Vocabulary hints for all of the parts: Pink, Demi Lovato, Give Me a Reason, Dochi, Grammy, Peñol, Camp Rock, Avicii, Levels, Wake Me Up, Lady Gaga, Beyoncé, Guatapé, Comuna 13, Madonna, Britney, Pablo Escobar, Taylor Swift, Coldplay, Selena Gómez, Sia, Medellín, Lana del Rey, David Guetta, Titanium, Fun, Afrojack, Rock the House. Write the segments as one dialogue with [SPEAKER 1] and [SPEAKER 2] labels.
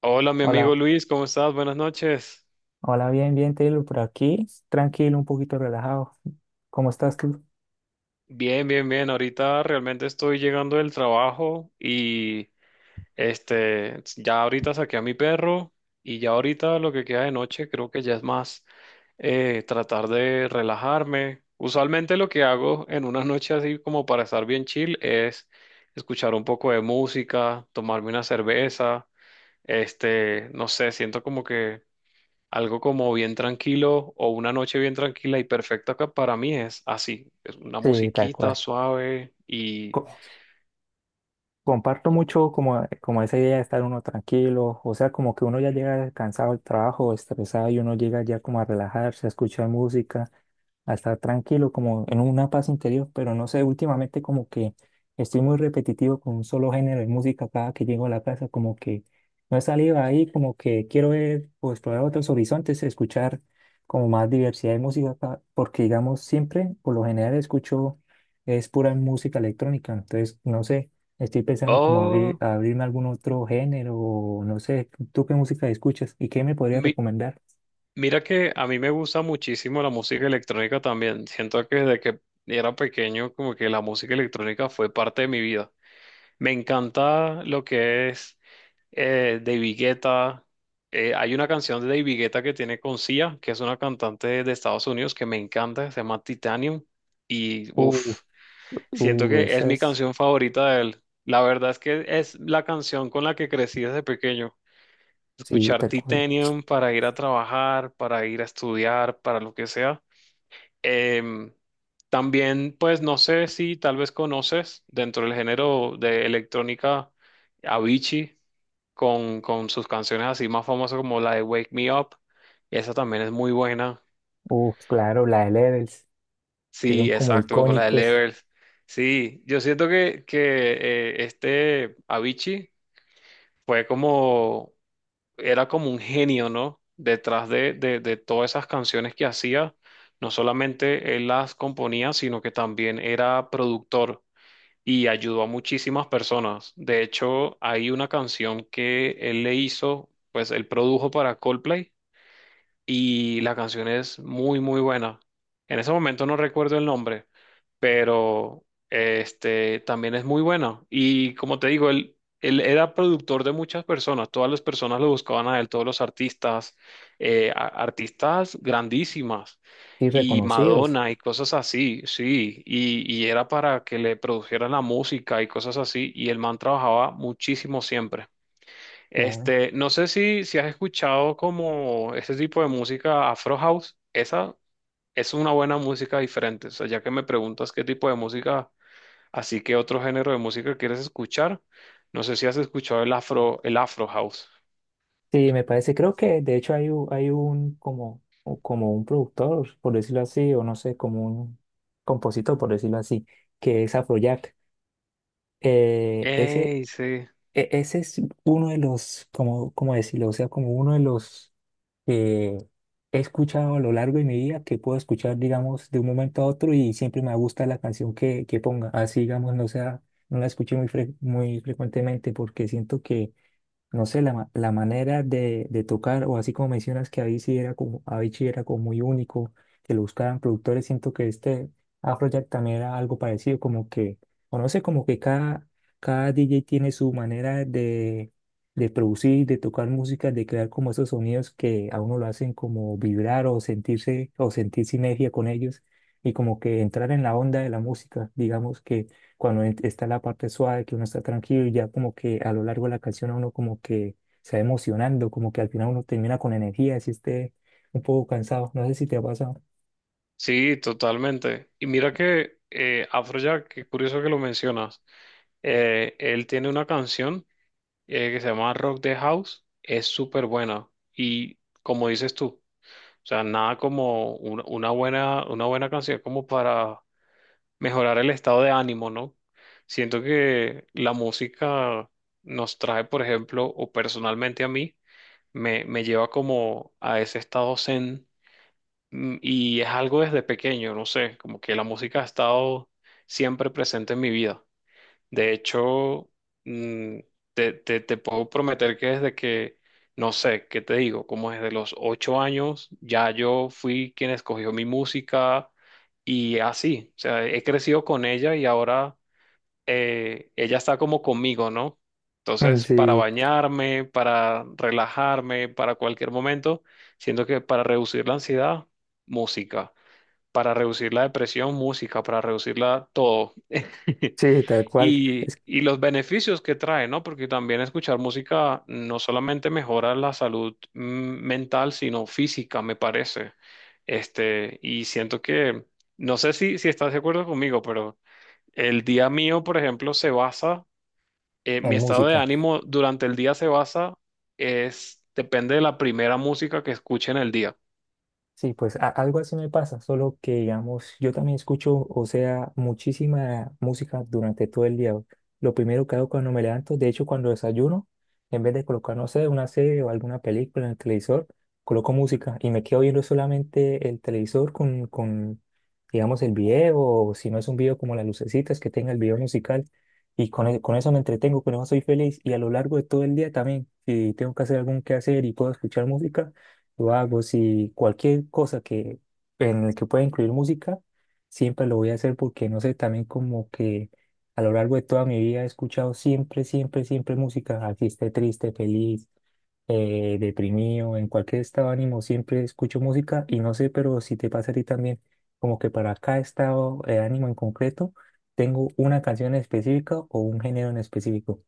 [SPEAKER 1] Hola, mi amigo
[SPEAKER 2] Hola,
[SPEAKER 1] Luis, ¿cómo estás? Buenas noches.
[SPEAKER 2] hola, bien, bien, Taylor, por aquí, tranquilo, un poquito relajado. ¿Cómo estás tú?
[SPEAKER 1] Bien, bien, bien. Ahorita realmente estoy llegando del trabajo y ya ahorita saqué a mi perro y ya ahorita lo que queda de noche creo que ya es más tratar de relajarme. Usualmente lo que hago en una noche así como para estar bien chill es escuchar un poco de música, tomarme una cerveza, no sé, siento como que algo como bien tranquilo o una noche bien tranquila y perfecta acá para mí es así, es una
[SPEAKER 2] Sí, tal
[SPEAKER 1] musiquita
[SPEAKER 2] cual.
[SPEAKER 1] suave y...
[SPEAKER 2] Co- Comparto mucho como, como esa idea de estar uno tranquilo, o sea, como que uno ya llega cansado del trabajo, estresado y uno llega ya como a relajarse, a escuchar música, a estar tranquilo, como en una paz interior, pero no sé, últimamente como que estoy muy repetitivo con un solo género de música cada que llego a la casa, como que no he salido ahí, como que quiero ver o explorar otros horizontes, escuchar como más diversidad de música, porque digamos siempre, por lo general escucho es pura música electrónica, entonces no sé, estoy pensando como abrir,
[SPEAKER 1] Oh,
[SPEAKER 2] abrirme a algún otro género, o no sé, ¿tú qué música escuchas y qué me podrías
[SPEAKER 1] mi-
[SPEAKER 2] recomendar?
[SPEAKER 1] mira que a mí me gusta muchísimo la música electrónica también. Siento que desde que era pequeño como que la música electrónica fue parte de mi vida. Me encanta lo que es David Guetta. Hay una canción de David Guetta que tiene con Sia, que es una cantante de Estados Unidos que me encanta, se llama Titanium y
[SPEAKER 2] Uh,
[SPEAKER 1] uff. Siento que es
[SPEAKER 2] esa
[SPEAKER 1] mi
[SPEAKER 2] es,
[SPEAKER 1] canción favorita de él. La verdad es que es la canción con la que crecí desde pequeño.
[SPEAKER 2] sí,
[SPEAKER 1] Escuchar
[SPEAKER 2] tal cual.
[SPEAKER 1] Titanium para ir a trabajar, para ir a estudiar, para lo que sea. Em, también, pues no sé si tal vez conoces dentro del género de electrónica Avicii con sus canciones así más famosas como la de Wake Me Up. Esa también es muy buena.
[SPEAKER 2] Uf, claro, la de Levels, que son
[SPEAKER 1] Sí,
[SPEAKER 2] como
[SPEAKER 1] exacto, como la de
[SPEAKER 2] icónicos
[SPEAKER 1] Levels. Sí, yo siento que, que Avicii fue como, era como un genio, ¿no? Detrás de todas esas canciones que hacía, no solamente él las componía, sino que también era productor y ayudó a muchísimas personas. De hecho, hay una canción que él le hizo, pues él produjo para Coldplay y la canción es muy, muy buena. En ese momento no recuerdo el nombre, pero este también es muy buena. Y como te digo, él era productor de muchas personas, todas las personas lo buscaban a él, todos los artistas, artistas grandísimas.
[SPEAKER 2] y
[SPEAKER 1] Y
[SPEAKER 2] reconocidos,
[SPEAKER 1] Madonna y cosas así, sí, y era para que le produjeran la música y cosas así, y el man trabajaba muchísimo siempre.
[SPEAKER 2] claro.
[SPEAKER 1] Este, no sé si, si has escuchado como este tipo de música Afro House. Esa es una buena música diferente. O sea, ya que me preguntas qué tipo de música, así que otro género de música quieres escuchar, no sé si has escuchado el Afro House.
[SPEAKER 2] Sí, me parece, creo que de hecho hay, hay un como, o como un productor, por decirlo así, o no sé, como un compositor, por decirlo así, que es Afrojack. Ese,
[SPEAKER 1] Ey, sí.
[SPEAKER 2] ese es uno de los, como, como decirlo, o sea, como uno de los que he escuchado a lo largo de mi vida, que puedo escuchar, digamos, de un momento a otro y siempre me gusta la canción que ponga. Así, digamos, no sea, no la escuché muy, muy frecuentemente porque siento que no sé, la, la manera de tocar, o así como mencionas que Avicii era como muy único, que lo buscaban productores, siento que este Afrojack también era algo parecido, como que, o no sé, como que cada DJ tiene su manera de producir, de tocar música, de crear como esos sonidos que a uno lo hacen como vibrar o sentirse, o sentir sinergia con ellos, y como que entrar en la onda de la música, digamos que cuando está la parte suave, que uno está tranquilo y ya como que a lo largo de la canción a uno como que se va emocionando, como que al final uno termina con energía, si esté un poco cansado, no sé si te ha pasado.
[SPEAKER 1] Sí, totalmente. Y mira que Afrojack, qué curioso que lo mencionas. Él tiene una canción que se llama Rock the House. Es súper buena. Y como dices tú. O sea, nada como una buena canción como para mejorar el estado de ánimo, ¿no? Siento que la música nos trae, por ejemplo, o personalmente a mí, me lleva como a ese estado zen, y es algo desde pequeño, no sé, como que la música ha estado siempre presente en mi vida. De hecho, mm, te puedo prometer que desde que, no sé, ¿qué te digo? Como desde los 8 años, ya yo fui quien escogió mi música y así, o sea, he crecido con ella y ahora ella está como conmigo, ¿no?
[SPEAKER 2] Mm,
[SPEAKER 1] Entonces, para
[SPEAKER 2] sí,
[SPEAKER 1] bañarme, para relajarme, para cualquier momento, siento que para reducir la ansiedad, música, para reducir la depresión, música, para reducirla todo.
[SPEAKER 2] sí, tal cual.
[SPEAKER 1] Y,
[SPEAKER 2] Es
[SPEAKER 1] y los beneficios que trae, ¿no? Porque también escuchar música no solamente mejora la salud mental, sino física, me parece. Este, y siento que, no sé si, si estás de acuerdo conmigo, pero el día mío, por ejemplo, se basa, mi
[SPEAKER 2] en
[SPEAKER 1] estado de
[SPEAKER 2] música.
[SPEAKER 1] ánimo durante el día se basa, es, depende de la primera música que escuche en el día.
[SPEAKER 2] Sí, pues algo así me pasa, solo que digamos, yo también escucho, o sea, muchísima música durante todo el día. Lo primero que hago cuando me levanto, de hecho cuando desayuno, en vez de colocar, no sé, una serie o alguna película en el televisor, coloco música y me quedo viendo solamente el televisor con, digamos, el video, o si no es un video como las lucecitas que tenga el video musical, y con, con eso me entretengo, con eso soy feliz y a lo largo de todo el día también, si tengo que hacer algún quehacer y puedo escuchar música lo hago, si cualquier cosa que en el que pueda incluir música, siempre lo voy a hacer porque no sé, también como que a lo largo de toda mi vida he escuchado siempre, siempre, siempre música, así esté triste, feliz, deprimido, en cualquier estado de ánimo siempre escucho música y no sé, pero si te pasa a ti también, como que para cada estado de ánimo en concreto, tengo una canción específica o un género en específico.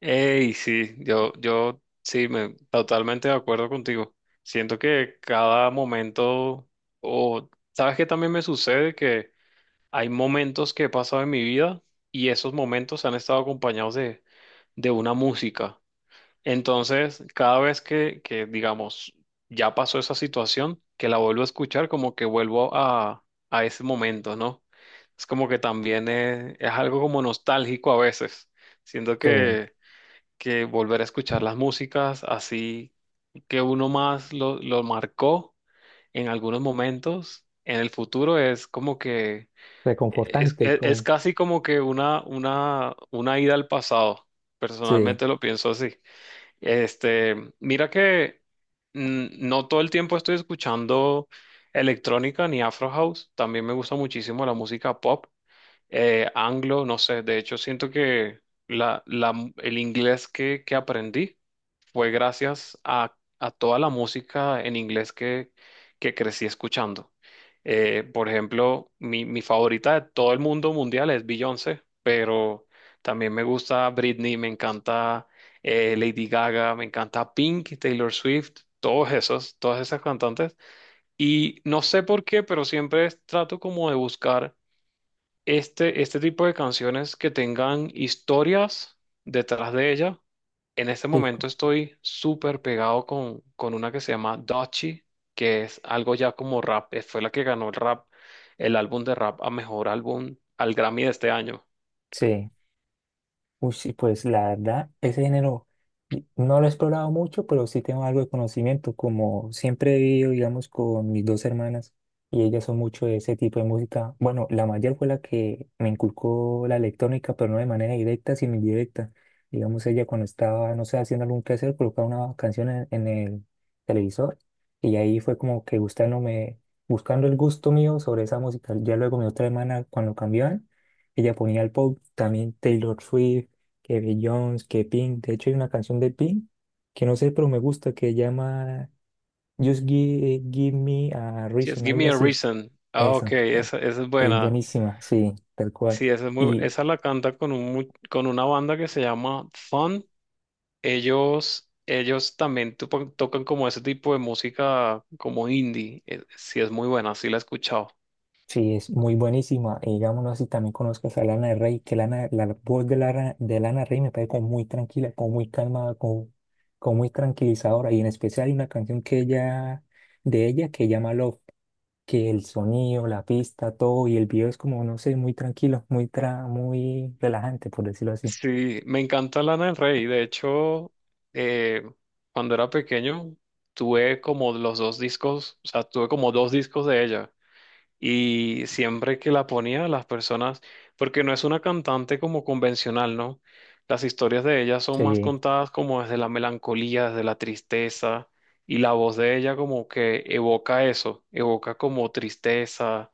[SPEAKER 1] Ey, sí, yo sí, me, totalmente de acuerdo contigo. Siento que cada momento, o sabes que también me sucede que hay momentos que he pasado en mi vida y esos momentos han estado acompañados de una música. Entonces, cada vez que, digamos, ya pasó esa situación, que la vuelvo a escuchar, como que vuelvo a ese momento, ¿no? Es como que también es algo como nostálgico a veces. Siento
[SPEAKER 2] Sí,
[SPEAKER 1] que volver a escuchar las músicas así que uno más lo marcó en algunos momentos en el futuro es como que es,
[SPEAKER 2] reconfortante,
[SPEAKER 1] es
[SPEAKER 2] como,
[SPEAKER 1] casi como que una ida al pasado.
[SPEAKER 2] sí,
[SPEAKER 1] Personalmente lo pienso así. Este, mira que no todo el tiempo estoy escuchando electrónica ni Afro House. También me gusta muchísimo la música pop, anglo, no sé. De hecho, siento que el inglés que aprendí fue gracias a toda la música en inglés que crecí escuchando. Por ejemplo, mi favorita de todo el mundo mundial es Beyoncé, pero también me gusta Britney, me encanta Lady Gaga, me encanta Pink, Taylor Swift, todos esos, todas esas cantantes. Y no sé por qué, pero siempre trato como de buscar este tipo de canciones que tengan historias detrás de ella. En este
[SPEAKER 2] sí,
[SPEAKER 1] momento estoy súper pegado con una que se llama Dochi, que es algo ya como rap. Fue la que ganó el rap, el álbum de rap a mejor álbum al Grammy de este año.
[SPEAKER 2] sí. Uy, sí, pues la verdad, ese género no lo he explorado mucho, pero sí tengo algo de conocimiento, como siempre he vivido, digamos, con mis dos hermanas y ellas son mucho de ese tipo de música. Bueno, la mayor fue la que me inculcó la electrónica, pero no de manera directa, sino indirecta. Digamos, ella cuando estaba, no sé, haciendo algún quehacer, colocaba una canción en el televisor y ahí fue como que gustándome, buscando el gusto mío sobre esa música. Ya luego mi otra hermana, cuando cambiaban, ella ponía el pop, también Taylor Swift, que Beyoncé, que Pink. De hecho, hay una canción de Pink que no sé, pero me gusta, que llama Just Give, Give Me a
[SPEAKER 1] Sí, es
[SPEAKER 2] Reason,
[SPEAKER 1] Give
[SPEAKER 2] algo
[SPEAKER 1] Me a
[SPEAKER 2] así.
[SPEAKER 1] Reason. Ah, ok,
[SPEAKER 2] Eso.
[SPEAKER 1] esa es
[SPEAKER 2] Es
[SPEAKER 1] buena.
[SPEAKER 2] buenísima, sí, tal cual.
[SPEAKER 1] Sí, esa es muy,
[SPEAKER 2] Y
[SPEAKER 1] esa la canta con un, con una banda que se llama Fun. Ellos también tocan como ese tipo de música como indie. Sí, es muy buena, sí la he escuchado.
[SPEAKER 2] sí, es muy buenísima. Y digámoslo así, también conozco a Lana del Rey, que Lana, la voz de Lana del Rey me parece como muy tranquila, como muy calmada, como, como muy tranquilizadora. Y en especial hay una canción que ella, de ella que llama Love, que el sonido, la pista, todo, y el video es como, no sé, muy tranquilo, muy, tra muy relajante, por decirlo así.
[SPEAKER 1] Sí, me encanta Lana del Rey. De hecho, eh, cuando era pequeño, tuve como los dos discos, o sea, tuve como dos discos de ella. Y siempre que la ponía, las personas, porque no es una cantante como convencional, ¿no? Las historias de ella son más
[SPEAKER 2] Sí,
[SPEAKER 1] contadas como desde la melancolía, desde la tristeza, y la voz de ella como que evoca eso, evoca como tristeza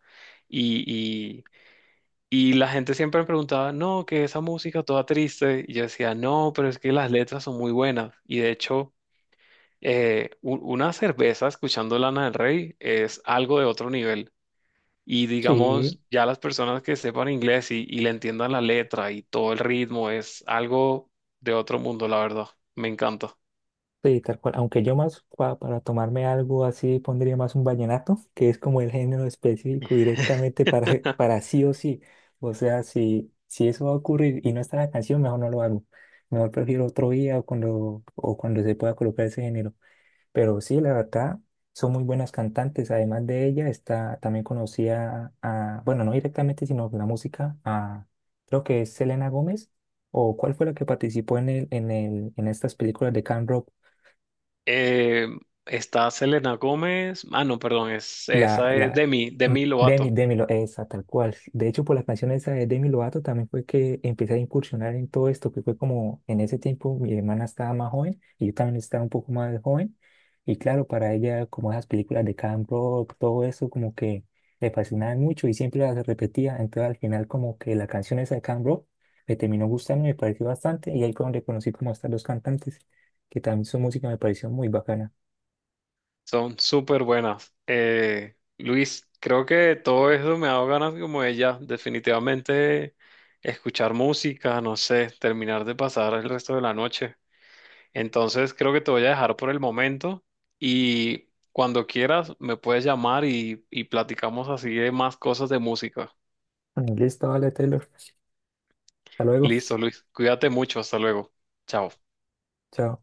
[SPEAKER 1] y la gente siempre me preguntaba, no, que esa música toda triste. Y yo decía, no, pero es que las letras son muy buenas. Y de hecho, una cerveza escuchando Lana del Rey es algo de otro nivel. Y
[SPEAKER 2] sí,
[SPEAKER 1] digamos, ya las personas que sepan inglés y le entiendan la letra y todo el ritmo es algo de otro mundo, la verdad. Me encanta.
[SPEAKER 2] sí, tal cual. Aunque yo más para tomarme algo así pondría más un vallenato, que es como el género específico directamente para, para sí o sí. O sea, si, si eso va a ocurrir y no está la canción, mejor no lo hago. Mejor prefiero otro día o cuando se pueda colocar ese género. Pero sí, la verdad, son muy buenas cantantes. Además de ella, está, también conocía a, bueno, no directamente, sino la música, a, creo que es Selena Gómez, o cuál fue la que participó en el, en el, en estas películas de Camp.
[SPEAKER 1] Eh, está Selena Gómez. Ah, no, perdón, es,
[SPEAKER 2] La,
[SPEAKER 1] esa es
[SPEAKER 2] la,
[SPEAKER 1] Demi,
[SPEAKER 2] mm,
[SPEAKER 1] Demi
[SPEAKER 2] Demi,
[SPEAKER 1] Lovato.
[SPEAKER 2] Demi, esa, tal cual. De hecho, por la canción esa de Demi Lovato también fue que empecé a incursionar en todo esto, que fue como en ese tiempo mi hermana estaba más joven y yo también estaba un poco más joven. Y claro, para ella, como esas películas de Camp Rock, todo eso, como que le fascinaban mucho y siempre las repetía. Entonces, al final, como que la canción esa de Camp Rock me terminó gustando y me pareció bastante. Y ahí fue donde conocí como a estas dos cantantes, que también su música me pareció muy bacana.
[SPEAKER 1] Son súper buenas. Luis, creo que todo eso me ha dado ganas como ella, definitivamente escuchar música, no sé, terminar de pasar el resto de la noche. Entonces creo que te voy a dejar por el momento y cuando quieras me puedes llamar y platicamos así de más cosas de música.
[SPEAKER 2] Listo, vale, Taylor. Hasta luego.
[SPEAKER 1] Listo, Luis, cuídate mucho, hasta luego. Chao.
[SPEAKER 2] Chao.